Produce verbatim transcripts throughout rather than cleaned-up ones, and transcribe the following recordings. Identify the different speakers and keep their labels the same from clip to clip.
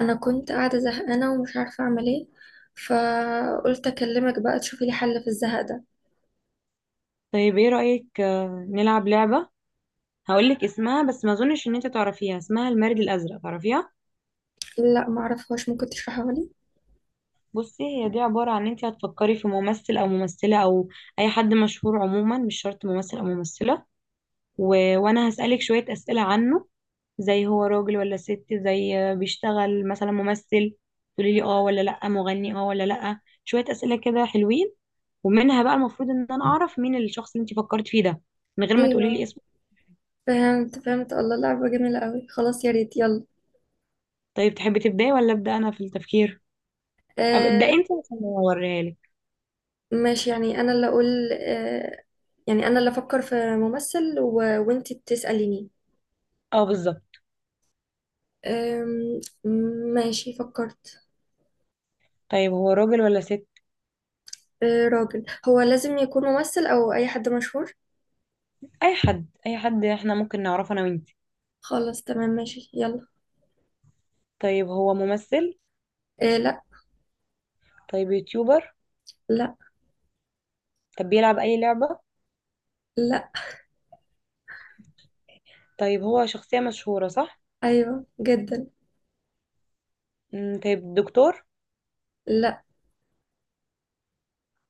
Speaker 1: انا كنت قاعده زهقانه ومش عارفه اعمل ايه. فقلت اكلمك بقى تشوفي لي حل في الزهق ده.
Speaker 2: طيب، ايه رأيك، آه، نلعب لعبة؟ هقولك اسمها، بس ما اظنش ان انت تعرفيها. اسمها المارد الازرق، تعرفيها؟
Speaker 1: لا، معرفهاش. ممكن تشرحها لي؟
Speaker 2: بصي، هي دي عبارة عن ان انت هتفكري في ممثل او ممثلة او اي حد مشهور. عموما مش شرط ممثل او ممثلة، و... وانا هسألك شوية اسئلة عنه. زي هو راجل ولا ست، زي آه، بيشتغل مثلا ممثل، تقولي لي اه ولا لا، مغني اه ولا لا، شوية اسئلة كده حلوين. ومنها بقى المفروض ان انا اعرف مين الشخص اللي انت فكرت فيه ده من غير ما تقولي لي
Speaker 1: ايوه،
Speaker 2: اسمه.
Speaker 1: فهمت فهمت. الله، لعبه جميله قوي. خلاص، يا ريت، يلا.
Speaker 2: طيب، تحبي تبداي ولا ابدا انا في التفكير؟ طب ابدأ
Speaker 1: آه.
Speaker 2: انت عشان اوريها لك.
Speaker 1: ماشي، يعني انا اللي اقول آه. يعني انا اللي افكر في ممثل و... وانتي بتساليني.
Speaker 2: اه، بالظبط.
Speaker 1: آم، ماشي، فكرت.
Speaker 2: طيب، هو راجل ولا ست؟
Speaker 1: آه، راجل. هو لازم يكون ممثل او اي حد مشهور؟
Speaker 2: اي حد، اي حد احنا ممكن نعرفه انا وانت.
Speaker 1: خلاص، تمام، ماشي، يلا.
Speaker 2: طيب، هو ممثل؟
Speaker 1: آه، لا.
Speaker 2: طيب، يوتيوبر؟
Speaker 1: لا.
Speaker 2: طب بيلعب اي لعبة؟
Speaker 1: لا.
Speaker 2: طيب، هو شخصية مشهورة، صح؟
Speaker 1: ايوه، جدا.
Speaker 2: مم، طيب، دكتور؟
Speaker 1: لا.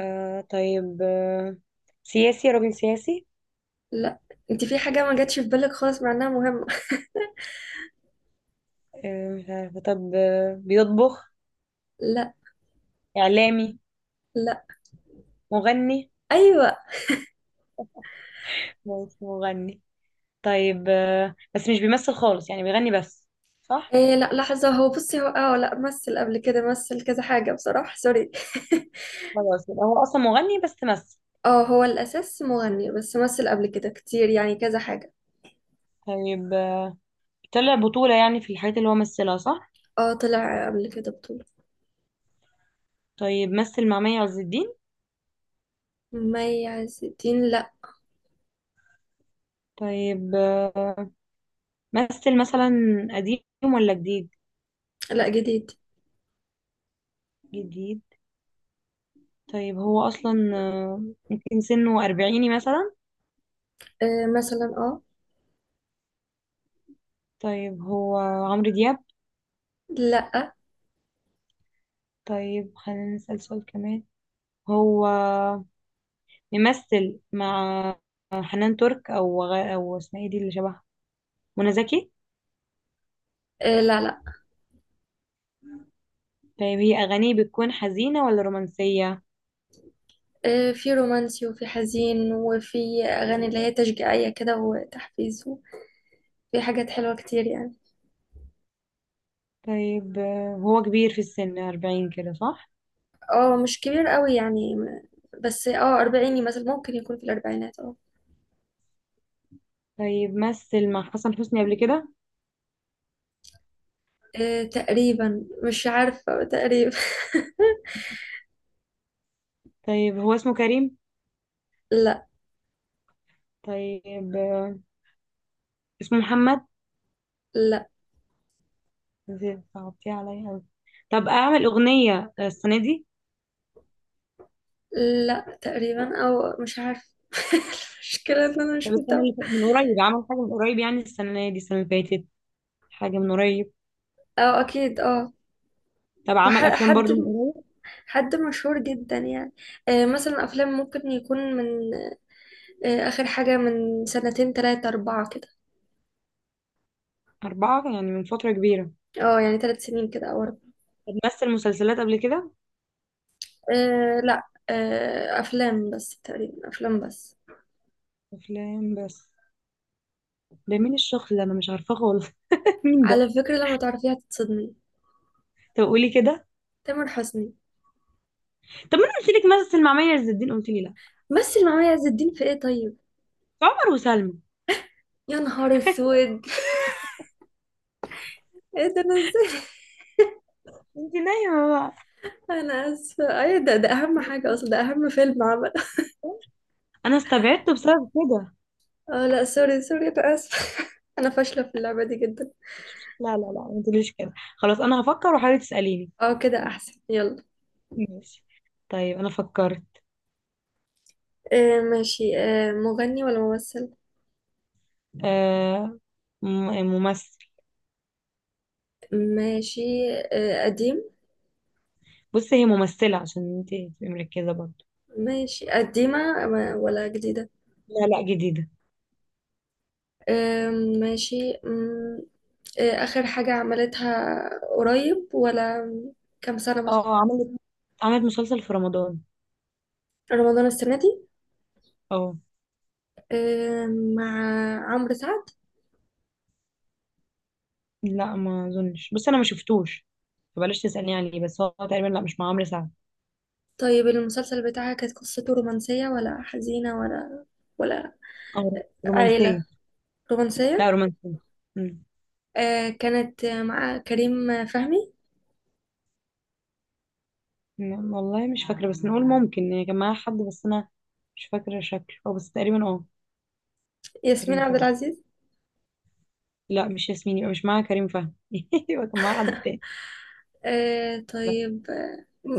Speaker 2: آه طيب، آه سياسي، راجل سياسي؟
Speaker 1: لا، انت في حاجة ما جاتش في بالك خالص مع انها مهمة.
Speaker 2: آه مش عارفة. طب، آه بيطبخ؟
Speaker 1: لا.
Speaker 2: إعلامي؟
Speaker 1: لا.
Speaker 2: مغني؟
Speaker 1: ايوه.
Speaker 2: هو مش مغني. طيب، آه بس مش بيمثل خالص، يعني بيغني بس، صح؟
Speaker 1: إيه، لا، لحظة. هو، بصي، هو، اه لا، مثل قبل كده، مثل كذا حاجة بصراحة. سوري.
Speaker 2: خلاص، يبقى هو أصلا مغني بس تمثل.
Speaker 1: اه، هو الاساس مغني بس مثل قبل كده كتير، يعني كذا حاجة.
Speaker 2: طيب طلع بطولة يعني في الحاجات اللي هو مثلها، صح؟
Speaker 1: اه، طلع قبل كده بطولة.
Speaker 2: طيب، مثل مع مي عز الدين؟
Speaker 1: مي عز الدين؟ لا.
Speaker 2: طيب، آه، مثل مثلا قديم ولا جديد؟
Speaker 1: لا، جديد.
Speaker 2: جديد. طيب هو أصلا آه، ممكن سنه أربعيني مثلا؟
Speaker 1: إيه، مثلا، اه.
Speaker 2: طيب، هو عمرو دياب؟
Speaker 1: لا.
Speaker 2: طيب خلينا نسأل سؤال كمان. هو ممثل مع حنان ترك أو غ... أو اسمها ايه دي اللي شبهها، منى زكي؟
Speaker 1: إيه، لا، لا.
Speaker 2: طيب، هي أغانيه بتكون حزينة ولا رومانسية؟
Speaker 1: إيه، في رومانسي وفي حزين وفي اغاني اللي هي تشجيعية كده وتحفيز، وفي حاجات حلوة كتير يعني.
Speaker 2: طيب، آه، هو كبير في السن، أربعين كده، صح؟
Speaker 1: اه، مش كبير قوي يعني م- بس اه، أربعيني مثلا، ممكن يكون في الأربعينات. اه.
Speaker 2: طيب، مثل مع حسن حسني قبل كده؟
Speaker 1: آه، تقريبا. مش عارفة، تقريبا.
Speaker 2: طيب، هو اسمه كريم؟
Speaker 1: لا.
Speaker 2: طيب، آه، اسمه محمد؟
Speaker 1: لا،
Speaker 2: صعبتيه عليا أوي. طب اعمل اغنيه السنه دي؟
Speaker 1: لا تقريبا، أو مش عارفة. المشكلة إن أنا
Speaker 2: طب
Speaker 1: مش
Speaker 2: السنه
Speaker 1: متابعة.
Speaker 2: اللي فاتت- من قريب، عمل حاجه من قريب، يعني السنه دي، السنه اللي فاتت، حاجه من قريب؟
Speaker 1: اه، أكيد، اه.
Speaker 2: طب عمل
Speaker 1: وح-
Speaker 2: افلام برضو
Speaker 1: حد.
Speaker 2: من قريب؟
Speaker 1: حد مشهور جدا يعني. آه، مثلا أفلام ممكن يكون من آه، آخر حاجة، من سنتين تلاتة أربعة كده.
Speaker 2: اربعه، يعني من فتره كبيره.
Speaker 1: اه، يعني تلات سنين كده أو أربعة.
Speaker 2: طب مثل مسلسلات قبل كده؟
Speaker 1: آه، لا. آه، أفلام بس، تقريبا أفلام بس.
Speaker 2: افلام بس. ده مين الشخص ده، انا مش عارفاه خالص. مين ده؟
Speaker 1: على فكرة، لما تعرفيها هتتصدمي.
Speaker 2: طب قولي كده.
Speaker 1: تامر حسني.
Speaker 2: طب ما انا قلت لك، مثل مع مي عز الدين، قلت لي لا.
Speaker 1: مثل مع مي عز الدين في ايه؟ طيب.
Speaker 2: عمر وسلمى؟
Speaker 1: يا نهار اسود! ايه ده؟ انا ازاي؟
Speaker 2: انت نايمه بقى.
Speaker 1: انا اسفة. ايه ده ده اهم حاجة اصلا، ده اهم فيلم عمل.
Speaker 2: انا استبعدته بسبب كده.
Speaker 1: اه، لا، سوري سوري، انا اسفة. انا فاشلة في اللعبة دي جدا.
Speaker 2: لا لا لا، ما تقوليش كده. خلاص، انا هفكر وحاولي تسأليني.
Speaker 1: اه، كده احسن، يلا.
Speaker 2: ماشي. طيب، انا فكرت.
Speaker 1: آه، ماشي. آه مغني ولا ممثل؟
Speaker 2: آه م- ممثل.
Speaker 1: ماشي. آه، قديم.
Speaker 2: بصي هي ممثلة عشان انت تبقي مركزة برضه.
Speaker 1: ماشي، قديمة ولا جديدة؟
Speaker 2: لا، لا جديدة.
Speaker 1: آه، ماشي. مم. إيه آخر حاجة عملتها؟ قريب، ولا كام سنة مثلا؟
Speaker 2: اه، عملت عملت مسلسل في رمضان.
Speaker 1: رمضان السنة دي؟
Speaker 2: اه
Speaker 1: إيه؟ مع عمرو سعد؟
Speaker 2: لا، ما اظنش، بس انا ما شفتوش، فبلاش تسألني عليه، بس هو تقريبا لا، مش مع عمرو سعد.
Speaker 1: طيب، المسلسل بتاعها كانت قصته رومانسية ولا حزينة ولا ولا
Speaker 2: اه،
Speaker 1: عائلة؟
Speaker 2: رومانسية. لا،
Speaker 1: رومانسية؟
Speaker 2: رومانسية. مم.
Speaker 1: إيه، كانت مع كريم فهمي؟
Speaker 2: لا، والله مش فاكرة، بس نقول ممكن يعني كان معاها حد، بس انا مش فاكرة شكله، اه بس تقريبا اه.
Speaker 1: ياسمين
Speaker 2: كريم
Speaker 1: عبد
Speaker 2: فهمي.
Speaker 1: العزيز؟
Speaker 2: لا، مش ياسمين، يبقى مش معاها كريم فهمي. يبقى كان معاها حد تاني.
Speaker 1: إيه،
Speaker 2: لا.
Speaker 1: طيب.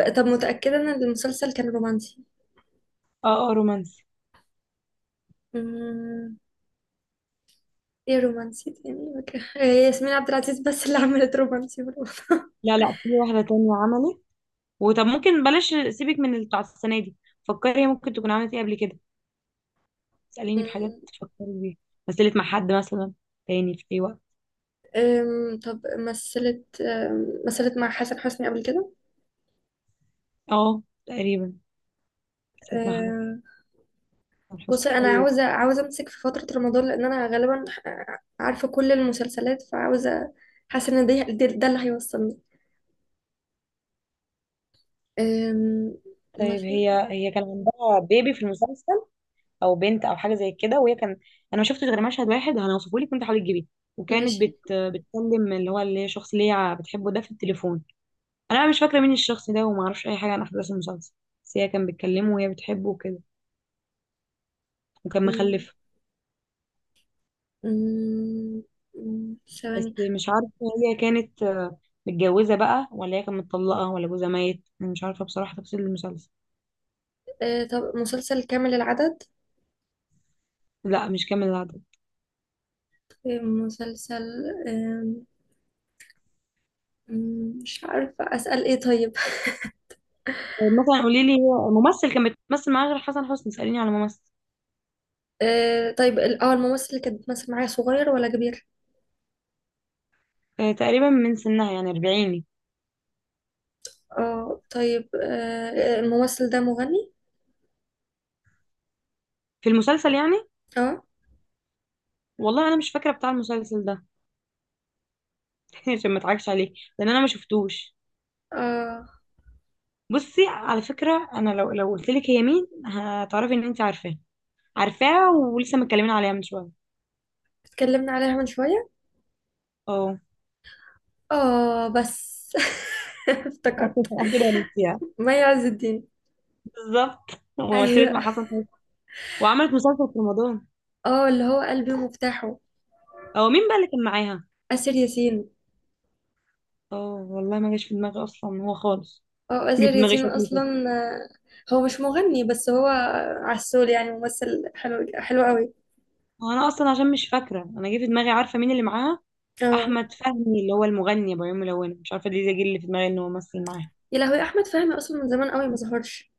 Speaker 1: آه، طب متأكدة إن المسلسل كان رومانسي؟
Speaker 2: اه اه، رومانسي.
Speaker 1: مم، ايه، رومانسي تاني. إيه، ياسمين عبد العزيز بس اللي عملت رومانسي في رمضان.
Speaker 2: لا لا، في واحدة تانية عملت. وطب ممكن بلاش، سيبك من اللي بتاع السنة دي. فكري هي ممكن تكون عملت ايه قبل كده. اسأليني في حاجات تفكري بيها. مثلت مع حد مثلا تاني في اي وقت؟
Speaker 1: أم، طب، مثلت أم، مثلت مع حسن حسني قبل كده؟
Speaker 2: اه، تقريبا. مثلت مع حد.
Speaker 1: أم،
Speaker 2: حسن حسني.
Speaker 1: بصي، انا
Speaker 2: ايوه.
Speaker 1: عاوزه عاوزه امسك في فتره رمضان، لان انا غالبا ع- عارفه كل المسلسلات، فعاوزه. حاسه ان ده ده ده اللي هيوصلني. أم،
Speaker 2: طيب
Speaker 1: ماشي.
Speaker 2: هي هي كان عندها بيبي في المسلسل، او بنت او حاجه زي كده، وهي كان، انا ما شفتش غير مشهد واحد هنوصفه لك، وانت حاولي تجيبيه. وكانت
Speaker 1: ماشي.
Speaker 2: بت... بتكلم اللي هو اللي هي الشخص اللي هي بتحبه ده في التليفون. انا بقى مش فاكره مين الشخص ده، وما اعرفش اي حاجه عن احداث المسلسل، بس هي كان بتكلمه وهي بتحبه وكده، وكان
Speaker 1: أم،
Speaker 2: مخلفه.
Speaker 1: أم، أم،
Speaker 2: بس
Speaker 1: ثواني.
Speaker 2: مش عارفه، هي كانت آه، متجوزه بقى، ولا هي كانت مطلقه، ولا جوزها ميت، انا مش عارفه بصراحه تفاصيل المسلسل.
Speaker 1: أه، طب مسلسل كامل العدد؟
Speaker 2: لا، مش كامل العدد.
Speaker 1: أم، مسلسل. أم، أم، مش عارفه اسال ايه، طيب.
Speaker 2: مثلا قولي لي هو ممثل كان بتمثل معاه غير حسن حسني، سأليني على ممثل.
Speaker 1: أه، طيب ال- اه الممثل اللي كانت بتمثل معايا صغير ولا كبير؟
Speaker 2: آه، تقريبا من سنها، يعني أربعين.
Speaker 1: اه. طيب، آه الممثل ده مغني؟
Speaker 2: في المسلسل يعني.
Speaker 1: اه.
Speaker 2: والله انا مش فاكره بتاع المسلسل ده. عشان ما اضحكش عليك، لان انا ما شفتوش.
Speaker 1: اه،
Speaker 2: بصي، على فكره، انا لو لو قلت لك هي مين هتعرفي ان انت عارفاه، عارفاها ولسه متكلمين عليها من شويه.
Speaker 1: اتكلمنا عليها من شوية.
Speaker 2: اه.
Speaker 1: اه بس. افتكرت.
Speaker 2: عبد الوليد يعني.
Speaker 1: مي عز الدين.
Speaker 2: بالظبط. ومثلت مع
Speaker 1: ايوه.
Speaker 2: حسن حسني، وعملت مسلسل في رمضان.
Speaker 1: اه، اللي هو قلبي ومفتاحه.
Speaker 2: او مين بقى اللي كان معاها؟
Speaker 1: آسر ياسين.
Speaker 2: اه، والله ما جاش في دماغي اصلا هو خالص.
Speaker 1: اه،
Speaker 2: جه في
Speaker 1: آسر
Speaker 2: دماغي
Speaker 1: ياسين
Speaker 2: شكله
Speaker 1: اصلا.
Speaker 2: بس.
Speaker 1: آه، هو مش مغني بس هو عسول، يعني ممثل حلو حلو قوي.
Speaker 2: انا اصلا عشان مش فاكره، انا جه في دماغي عارفه مين اللي معاها.
Speaker 1: اه.
Speaker 2: احمد فهمي، اللي هو المغني ابو عيون ملونه، مش عارفه دي زي جه اللي في دماغي ان هو مثل معاها.
Speaker 1: يا لهوي، احمد فهمي اصلا من زمان قوي ما ظهرش.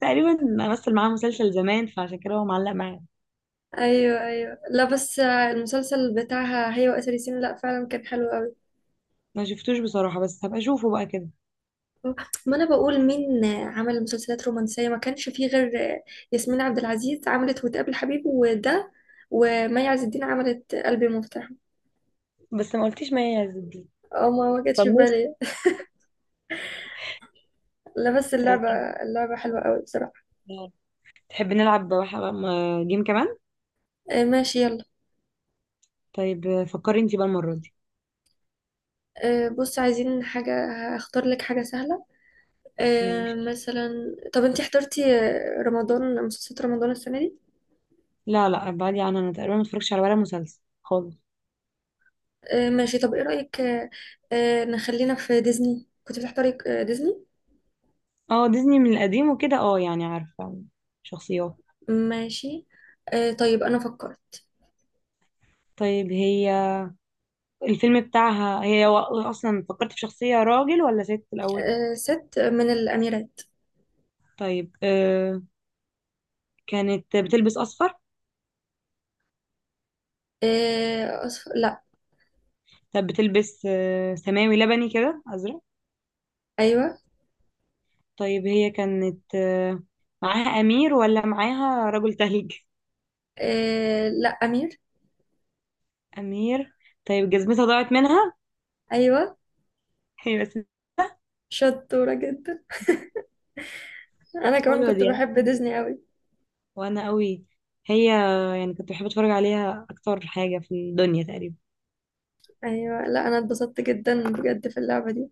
Speaker 2: تقريبا. مثل معاه مسلسل زمان، فعشان كده هو معلق معايا.
Speaker 1: ايوه، ايوه، لا بس آه، المسلسل بتاعها هي وآسر ياسين، لا فعلا كان حلو قوي.
Speaker 2: ما شفتوش بصراحة، بس هبقى اشوفه بقى كده.
Speaker 1: ما انا بقول مين عمل مسلسلات رومانسية؟ ما كانش فيه غير ياسمين عبد العزيز، عملت وتقابل حبيب وده. ومي عز الدين عملت قلبي مفتاح.
Speaker 2: بس ما قلتيش ما هي دي.
Speaker 1: اه، ما ما جاتش في
Speaker 2: طنشت.
Speaker 1: بالي. لا بس
Speaker 2: تحب
Speaker 1: اللعبة. اللعبة حلوة قوي بصراحة.
Speaker 2: تحب نلعب بقى حاجة- م- جيم كمان؟
Speaker 1: آه، ماشي، يلا.
Speaker 2: طيب فكري انتي بقى المرة دي.
Speaker 1: آه، بص عايزين حاجة. هختار لك حاجة سهلة. آه،
Speaker 2: ماشي.
Speaker 1: مثلا. طب انتي حضرتي آه، رمضان، مسلسلات رمضان السنة دي؟
Speaker 2: لا لا، ابعدي عنها، انا تقريبا ما اتفرجتش على ولا مسلسل خالص.
Speaker 1: آه، ماشي. طب ايه رأيك، آه، آه، نخلينا في ديزني. كنت بتحضري آه، ديزني؟
Speaker 2: اه، ديزني من القديم وكده، اه يعني عارفة شخصيات.
Speaker 1: ماشي. آه، طيب انا فكرت.
Speaker 2: طيب، هي الفيلم بتاعها، هي و- اصلا فكرت في شخصية راجل ولا ست الاول؟
Speaker 1: آه، ست من الأميرات.
Speaker 2: طيب آه كانت بتلبس اصفر؟
Speaker 1: آه، أصف... لا.
Speaker 2: كانت بتلبس آه، سماوي لبني كده، أزرق.
Speaker 1: أيوة.
Speaker 2: طيب هي كانت آه، معاها أمير ولا معاها رجل تلج؟
Speaker 1: آه، لا، أمير.
Speaker 2: أمير. طيب جزمتها ضاعت منها؟
Speaker 1: أيوة.
Speaker 2: هي بس.
Speaker 1: شطورة جدا. أنا كمان
Speaker 2: حلوة
Speaker 1: كنت
Speaker 2: دي.
Speaker 1: بحب ديزني أوي.
Speaker 2: وأنا قوي. هي يعني كنت بحب أتفرج عليها أكتر حاجة في الدنيا تقريبا.
Speaker 1: أيوة. لا، أنا اتبسطت جدا بجد في اللعبة دي.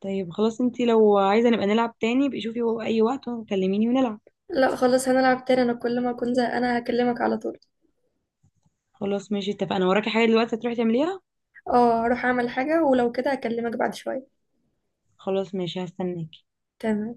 Speaker 2: طيب خلاص، انتي لو عايزة نبقى نلعب تاني بقي، شوفي أي وقت وكلميني ونلعب.
Speaker 1: لا خلاص، هنلعب تاني. أنا كل ما أكون زهقانة هكلمك على طول.
Speaker 2: خلاص ماشي، اتفقنا. وراكي حاجة دلوقتي هتروحي تعمليها؟
Speaker 1: اه، هروح أعمل حاجة ولو كده هكلمك بعد شوية.
Speaker 2: خلاص ماشي، هستناكي.
Speaker 1: تمام.